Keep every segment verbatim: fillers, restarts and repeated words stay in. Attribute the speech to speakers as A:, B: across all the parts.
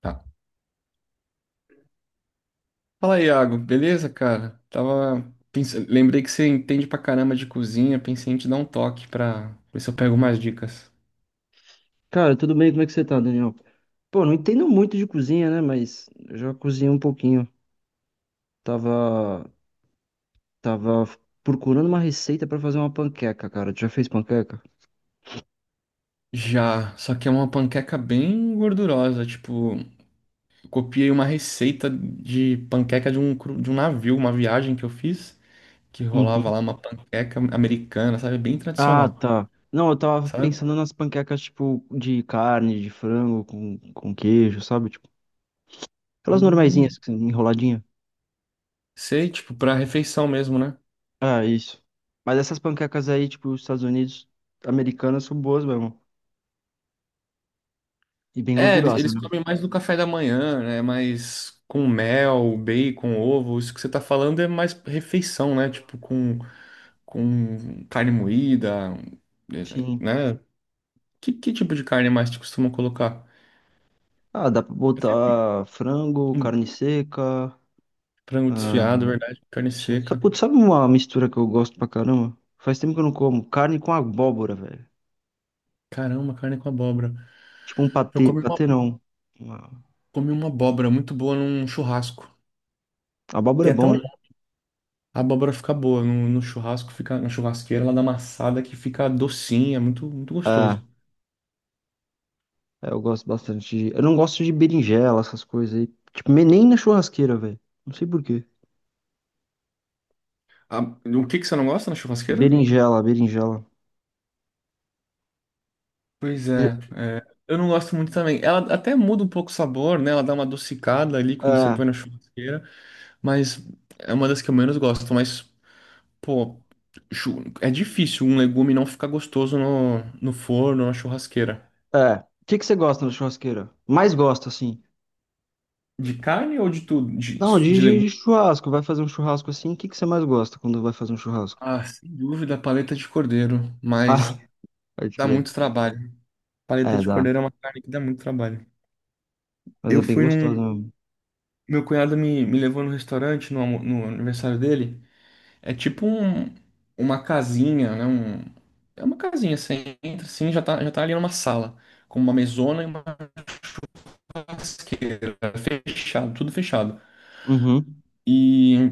A: Tá. Fala aí, Iago, beleza, cara? Tava pensa- lembrei que você entende pra caramba de cozinha, pensei em te dar um toque pra ver se eu pego mais dicas.
B: Cara, tudo bem? Como é que você tá, Daniel? Pô, não entendo muito de cozinha, né? Mas eu já cozinhei um pouquinho. Tava, tava procurando uma receita pra fazer uma panqueca, cara. Tu já fez panqueca?
A: Já, só que é uma panqueca bem gordurosa, tipo, eu copiei uma receita de panqueca de um, cru- de um navio, uma viagem que eu fiz, que rolava
B: Uhum.
A: lá uma panqueca americana, sabe? Bem
B: Ah,
A: tradicional,
B: tá. Não, eu tava
A: sabe?
B: pensando nas panquecas, tipo, de carne, de frango, com, com queijo, sabe? Tipo, aquelas
A: Hum,
B: normaizinhas, que- enroladinha.
A: sei, tipo, pra refeição mesmo, né?
B: Ah, isso. Mas essas panquecas aí, tipo, os Estados Unidos, americanas, são boas mesmo. E bem
A: É, eles,
B: gordurosas,
A: eles
B: né?
A: comem mais no café da manhã, né? Mais com mel, bacon, ovo. Isso que você tá falando é mais refeição, né? Tipo, com, com carne moída, é,
B: Sim.
A: né? Que, que tipo de carne mais te costuma colocar?
B: Ah, dá pra
A: Eu sempre-
B: botar frango,
A: hum,
B: carne seca.
A: Frango
B: Ah,
A: desfiado, verdade, carne
B: sim. Sa-
A: seca.
B: putz, sabe uma mistura que eu gosto pra caramba? Faz tempo que eu não como. Carne com abóbora, velho.
A: Caramba, carne com abóbora.
B: Tipo um
A: Eu
B: patê.
A: comi uma,
B: Patê não. Uma...
A: comi uma abóbora muito boa num churrasco.
B: Abóbora é
A: Tem até
B: bom,
A: um...
B: né?
A: A abóbora fica boa no, no churrasco, fica na churrasqueira, ela dá amassada que fica docinha, muito, muito
B: Ah,
A: gostoso.
B: é, eu gosto bastante. de- Eu não gosto de berinjela, essas coisas aí. Tipo, me- nem na churrasqueira, velho. Não sei por quê.
A: Ah, o que que você não gosta na churrasqueira?
B: Berinjela, berinjela.
A: Pois é,
B: Je-
A: é, eu não gosto muito também. Ela até muda um pouco o sabor, né? Ela dá uma adocicada ali quando você
B: É,
A: põe na churrasqueira, mas é uma das que eu menos gosto. Mas, pô, chu- é difícil um legume não ficar gostoso no, no forno, na churrasqueira.
B: é. O que que você gosta na churrasqueira? Mais gosta, assim?
A: De carne ou de tudo? De,
B: Não, de,
A: de
B: de-
A: legume?
B: de churrasco. Vai fazer um churrasco assim. O que que você mais gosta quando vai fazer um churrasco?
A: Ah, sem dúvida, paleta de cordeiro,
B: Ah,
A: mas
B: pode
A: dá
B: crer.
A: muito trabalho. Paleta
B: É,
A: de
B: dá.
A: cordeiro é uma carne que dá muito trabalho.
B: Mas é
A: Eu
B: bem
A: fui num.
B: gostoso mesmo.
A: Meu cunhado me, me levou no restaurante no, almo- no aniversário dele. É tipo um, uma casinha, né? Um, é uma casinha, você entra assim, já tá, já tá ali numa sala, com uma mesona e uma churrasqueira, fechado, tudo fechado.
B: Uhum.
A: E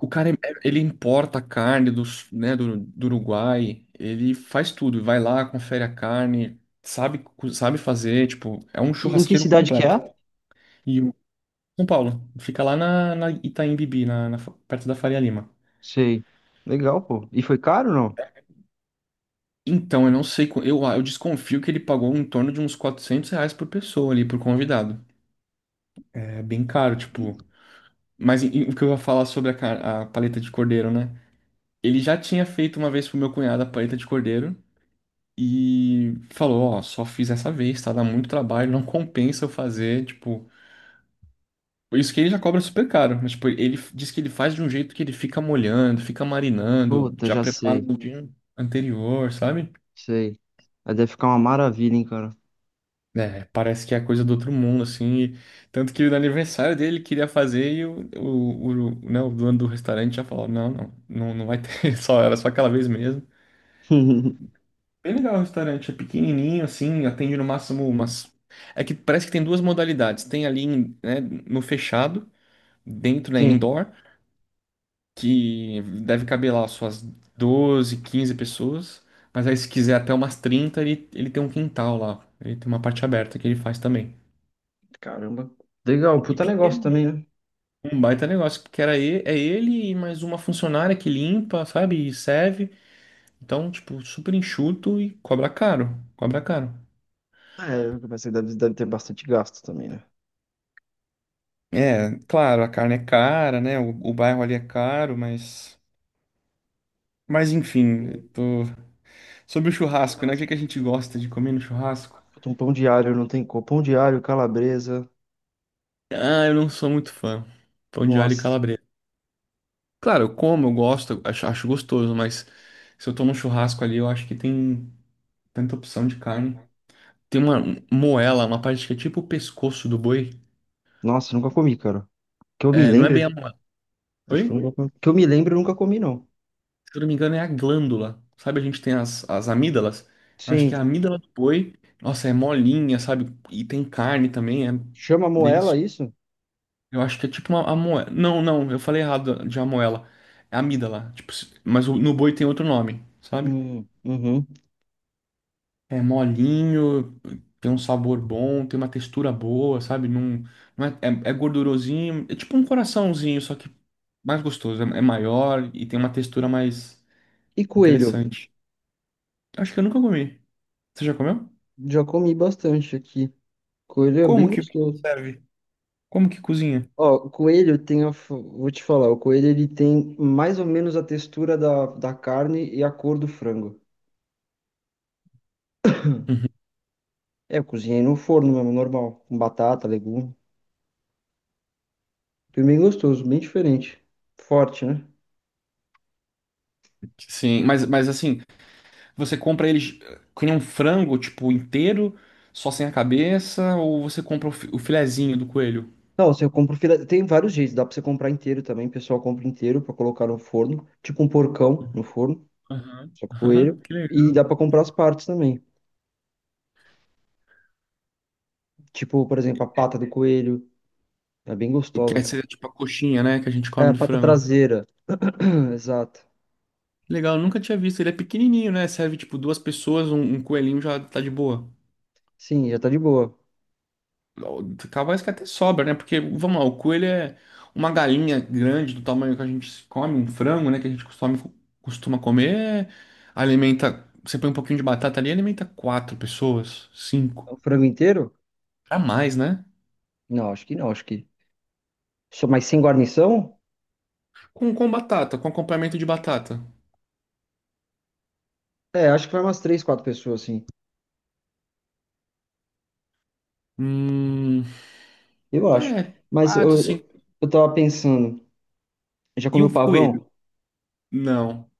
A: o cara, ele importa a carne dos, né, do, do Uruguai, ele faz tudo, vai lá, confere a carne, sabe, co- sabe fazer, tipo, é um
B: Que, em que
A: churrasqueiro
B: cidade que
A: completo.
B: é?
A: E o São Paulo, fica lá na, na Itaim Bibi, na, na fa- perto da Faria Lima.
B: Sei. Legal, pô. E foi caro, não?
A: Então, eu não sei, qu- eu, eu desconfio que ele pagou em torno de uns quatrocentos reais por pessoa ali, por convidado. É bem caro, tipo. Mas e- e o que eu ia falar sobre a, ca- a paleta de cordeiro, né? Ele já tinha feito uma vez pro meu cunhado a paleta de cordeiro e falou, ó, só fiz essa vez, tá? Dá muito trabalho, não compensa eu fazer, tipo. Isso que ele já cobra super caro, mas tipo, ele f- diz que ele faz de um jeito que ele fica molhando, fica marinando,
B: Puta,
A: já
B: já
A: prepara
B: sei.
A: no dia anterior, sabe?
B: Sei. Aí deve ficar uma maravilha, hein, cara.
A: É, parece que é coisa do outro mundo, assim. e- tanto que no aniversário dele ele queria fazer e o, o, o, né, o dono do restaurante já falou: não, não, não, não vai ter, só, era só aquela vez mesmo. Bem legal o restaurante, é pequenininho, assim, atende no máximo umas. É que parece que tem duas modalidades: tem ali, em- né, no fechado, dentro, né,
B: Gente,
A: indoor, que deve caber lá suas doze quinze pessoas, mas aí se quiser até umas trinta ele, ele tem um quintal lá, ele tem uma parte aberta que ele faz também.
B: caramba. Legal,
A: E
B: puta negócio
A: pequeno.
B: também, né?
A: Um baita negócio, porque era ele, é ele e mais uma funcionária que limpa, sabe? E serve. Então, tipo, super enxuto e cobra caro. Cobra caro.
B: É, mas você deve, deve ter bastante gasto também, né?
A: É, claro, a carne é cara, né? O, o bairro ali é caro, mas. Mas enfim, eu tô... sobre o churrasco, né? O que que a gente gosta de comer no churrasco?
B: Puta, um pão diário, não tem como. Pão diário, calabresa.
A: Ah, eu não sou muito fã. Pão de alho e
B: Nossa.
A: calabresa. Claro, eu como, eu gosto, eu acho, acho gostoso, mas se eu tô num churrasco ali, eu acho que tem tanta opção de carne. Tem uma moela, uma parte que é tipo o pescoço do boi.
B: Nossa, nunca comi, cara. Que eu me
A: É, não é bem
B: lembre.
A: a moela.
B: Acho que eu
A: Oi?
B: nunca comi. Que eu me lembro, eu nunca comi, não.
A: Se eu não me engano, é a glândula. Sabe, a gente tem as, as amígdalas. Eu acho que é a
B: Sim.
A: amígdala do boi, nossa, é molinha, sabe? E tem carne também, é
B: Chama moela
A: delicioso.
B: isso?
A: Eu acho que é tipo uma a moela. Não, não, eu falei errado de amoela. É amígdala. Tipo, se- mas o- no boi tem outro nome, sabe?
B: Hum, uhum.
A: É molinho, tem um sabor bom, tem uma textura boa, sabe? Não, não é, é, é gordurosinho, é tipo um coraçãozinho, só que mais gostoso, é, é maior e tem uma textura mais
B: E coelho?
A: interessante. Acho que eu nunca comi. Você já comeu?
B: Já comi bastante aqui. Coelho é
A: Como
B: bem
A: que
B: gostoso.
A: serve? Como que cozinha?
B: Ó, o coelho tem a... f- Vou te falar, o coelho ele tem mais ou menos a textura da, da carne e a cor do frango.
A: Uhum.
B: É, eu cozinhei no forno mesmo, normal. Com batata, legume. Foi bem gostoso, bem diferente. Forte, né?
A: Sim, mas, mas assim, você compra ele com um frango, tipo, inteiro, só sem a cabeça, ou você compra o, fi- o filezinho do coelho?
B: Não, assim, eu compro filé... Tem vários jeitos, dá pra você comprar inteiro também. O pessoal compra inteiro pra colocar no forno. Tipo um porcão no forno,
A: Aham,
B: só com
A: aham,
B: coelho.
A: que
B: E
A: legal.
B: dá pra comprar as partes também. Tipo, por exemplo, a pata do coelho é bem
A: O que
B: gostosa,
A: é,
B: cara.
A: seria tipo a coxinha, né, que a gente
B: É,
A: come
B: a
A: do
B: pata
A: frango.
B: traseira. Exato.
A: Legal, nunca tinha visto. Ele é pequenininho, né? Serve tipo duas pessoas, um, um coelhinho já tá de boa.
B: Sim, já tá de boa.
A: Capaz que até sobra, né? Porque, vamos lá, o coelho é uma galinha grande do tamanho que a gente come, um frango, né? Que a gente costuma, costuma comer. Alimenta. Você põe um pouquinho de batata ali, alimenta quatro pessoas,
B: É
A: cinco.
B: um frango inteiro?
A: Pra mais, né?
B: Não, acho que não, acho que. Só mais sem guarnição?
A: Com, com batata, com acompanhamento de batata.
B: É, acho que vai umas três, quatro pessoas, assim.
A: Hum.
B: Eu acho.
A: É,
B: Mas eu,
A: quatro,
B: eu
A: cinco.
B: eu tava pensando, já
A: E um
B: comeu
A: coelho?
B: pavão?
A: Não.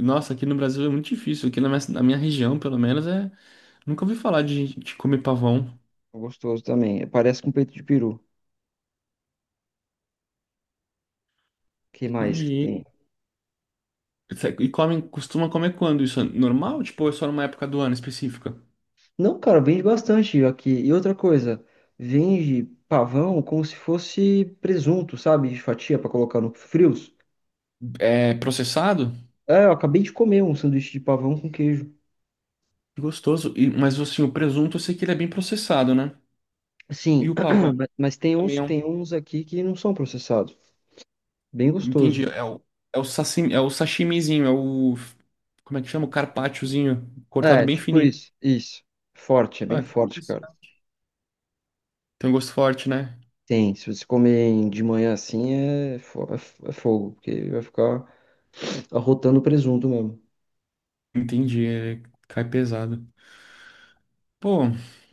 A: Nossa, aqui no Brasil é muito difícil. Aqui na minha, na minha região, pelo menos, é. Nunca ouvi falar de gente que come pavão.
B: É gostoso também. Parece com peito de peru. Que mais que
A: Entendi.
B: tem?
A: é- E come, costuma comer quando? Isso é normal? Tipo, ou é só numa época do ano específica?
B: Não, cara, vende bastante aqui. E outra coisa, vende pavão como se fosse presunto, sabe? De fatia pra colocar no frios.
A: É processado?
B: É, eu acabei de comer um sanduíche de pavão com queijo.
A: Gostoso. E, mas assim, o presunto eu sei que ele é bem processado, né?
B: Sim,
A: E o pavão
B: ma- mas tem
A: também
B: uns,
A: é um.
B: tem uns aqui que não são processados. Bem gostoso.
A: Entendi. É o, é o sashimi, é o sashimizinho, é o. Como é que chama? O carpacciozinho, cortado
B: É,
A: bem
B: tipo
A: fininho.
B: isso, isso. Forte, é bem
A: Ah, que
B: forte, cara.
A: interessante. Tem um gosto forte, né?
B: Tem, se você comer de manhã assim, é, fo- é f- é fogo, porque vai ficar arrotando presunto mesmo.
A: Entendi. é- cai pesado. Pô,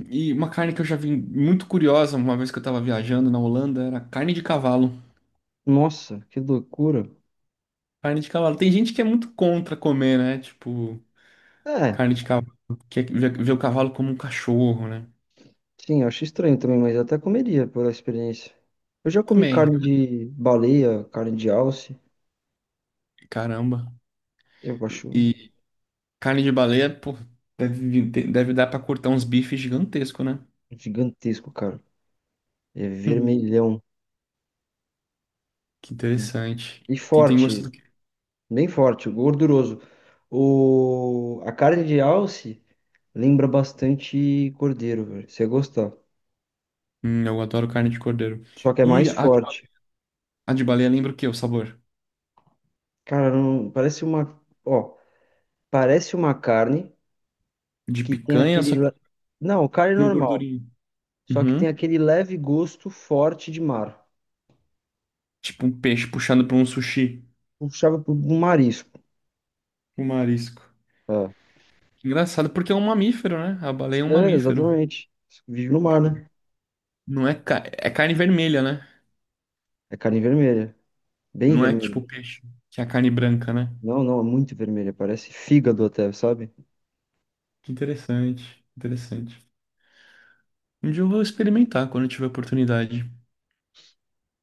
A: e uma carne que eu já vi muito curiosa uma vez que eu tava viajando na Holanda era carne de cavalo.
B: Nossa, que loucura.
A: Carne de cavalo. Tem gente que é muito contra comer, né? Tipo,
B: É,
A: carne de cavalo. Que vê ver o cavalo como um cachorro, né?
B: sim, eu acho estranho também, mas eu até comeria pela experiência. Eu já comi
A: Também.
B: carne de baleia, carne de alce.
A: Caramba.
B: Eu
A: E,
B: acho
A: e carne de baleia, pô, deve, vir- deve dar pra cortar uns bifes gigantescos, né?
B: gigantesco, cara. É
A: Hum,
B: vermelhão
A: que interessante.
B: e
A: E tem gosto
B: forte.
A: do quê?
B: Bem forte, gorduroso. O... A carne de alce lembra bastante cordeiro, velho. Você gostar.
A: Hum, eu adoro carne de cordeiro.
B: Só que é
A: E
B: mais
A: a de,
B: forte.
A: a de baleia lembra o quê? O sabor?
B: Cara, não... parece uma. Ó, parece uma carne
A: De
B: que tem
A: picanha, só
B: aquele.
A: que
B: le- não, carne
A: com
B: normal.
A: gordurinha.
B: Só que tem
A: Uhum.
B: aquele leve gosto forte de mar.
A: Tipo um peixe puxando pra um sushi,
B: Puxava pro pro marisco.
A: um marisco.
B: É,
A: Engraçado porque é um mamífero, né? A baleia é um
B: é
A: mamífero.
B: exatamente. Vive no mar, né?
A: Não é, ca- é carne vermelha, né?
B: É carne vermelha. Bem
A: Não é
B: vermelha.
A: tipo peixe, que é a carne branca, né?
B: Não, não, é muito vermelha. Parece fígado até, sabe?
A: Que interessante, interessante. Um dia eu vou experimentar quando eu tiver oportunidade.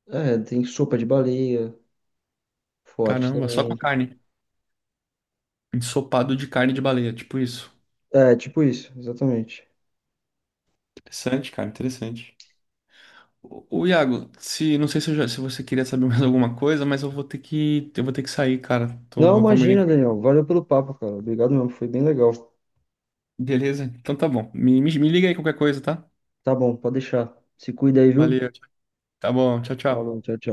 B: É, tem sopa de baleia. Forte
A: Caramba, só com a
B: também.
A: carne. Ensopado de carne de baleia, tipo isso.
B: É, tipo isso, exatamente.
A: Interessante, cara, interessante. O Iago, se não sei se, eu já- se você queria saber mais alguma coisa, mas eu vou ter que eu vou ter que sair, cara.
B: Não,
A: Tô combinando.
B: imagina, Daniel. Valeu pelo papo, cara. Obrigado mesmo, foi bem legal.
A: Beleza? Então tá bom. Me, me, me liga aí qualquer coisa, tá?
B: Tá bom, pode deixar. Se cuida aí, viu?
A: Valeu. Tá bom. Tchau, tchau.
B: Falou, tchau, tchau.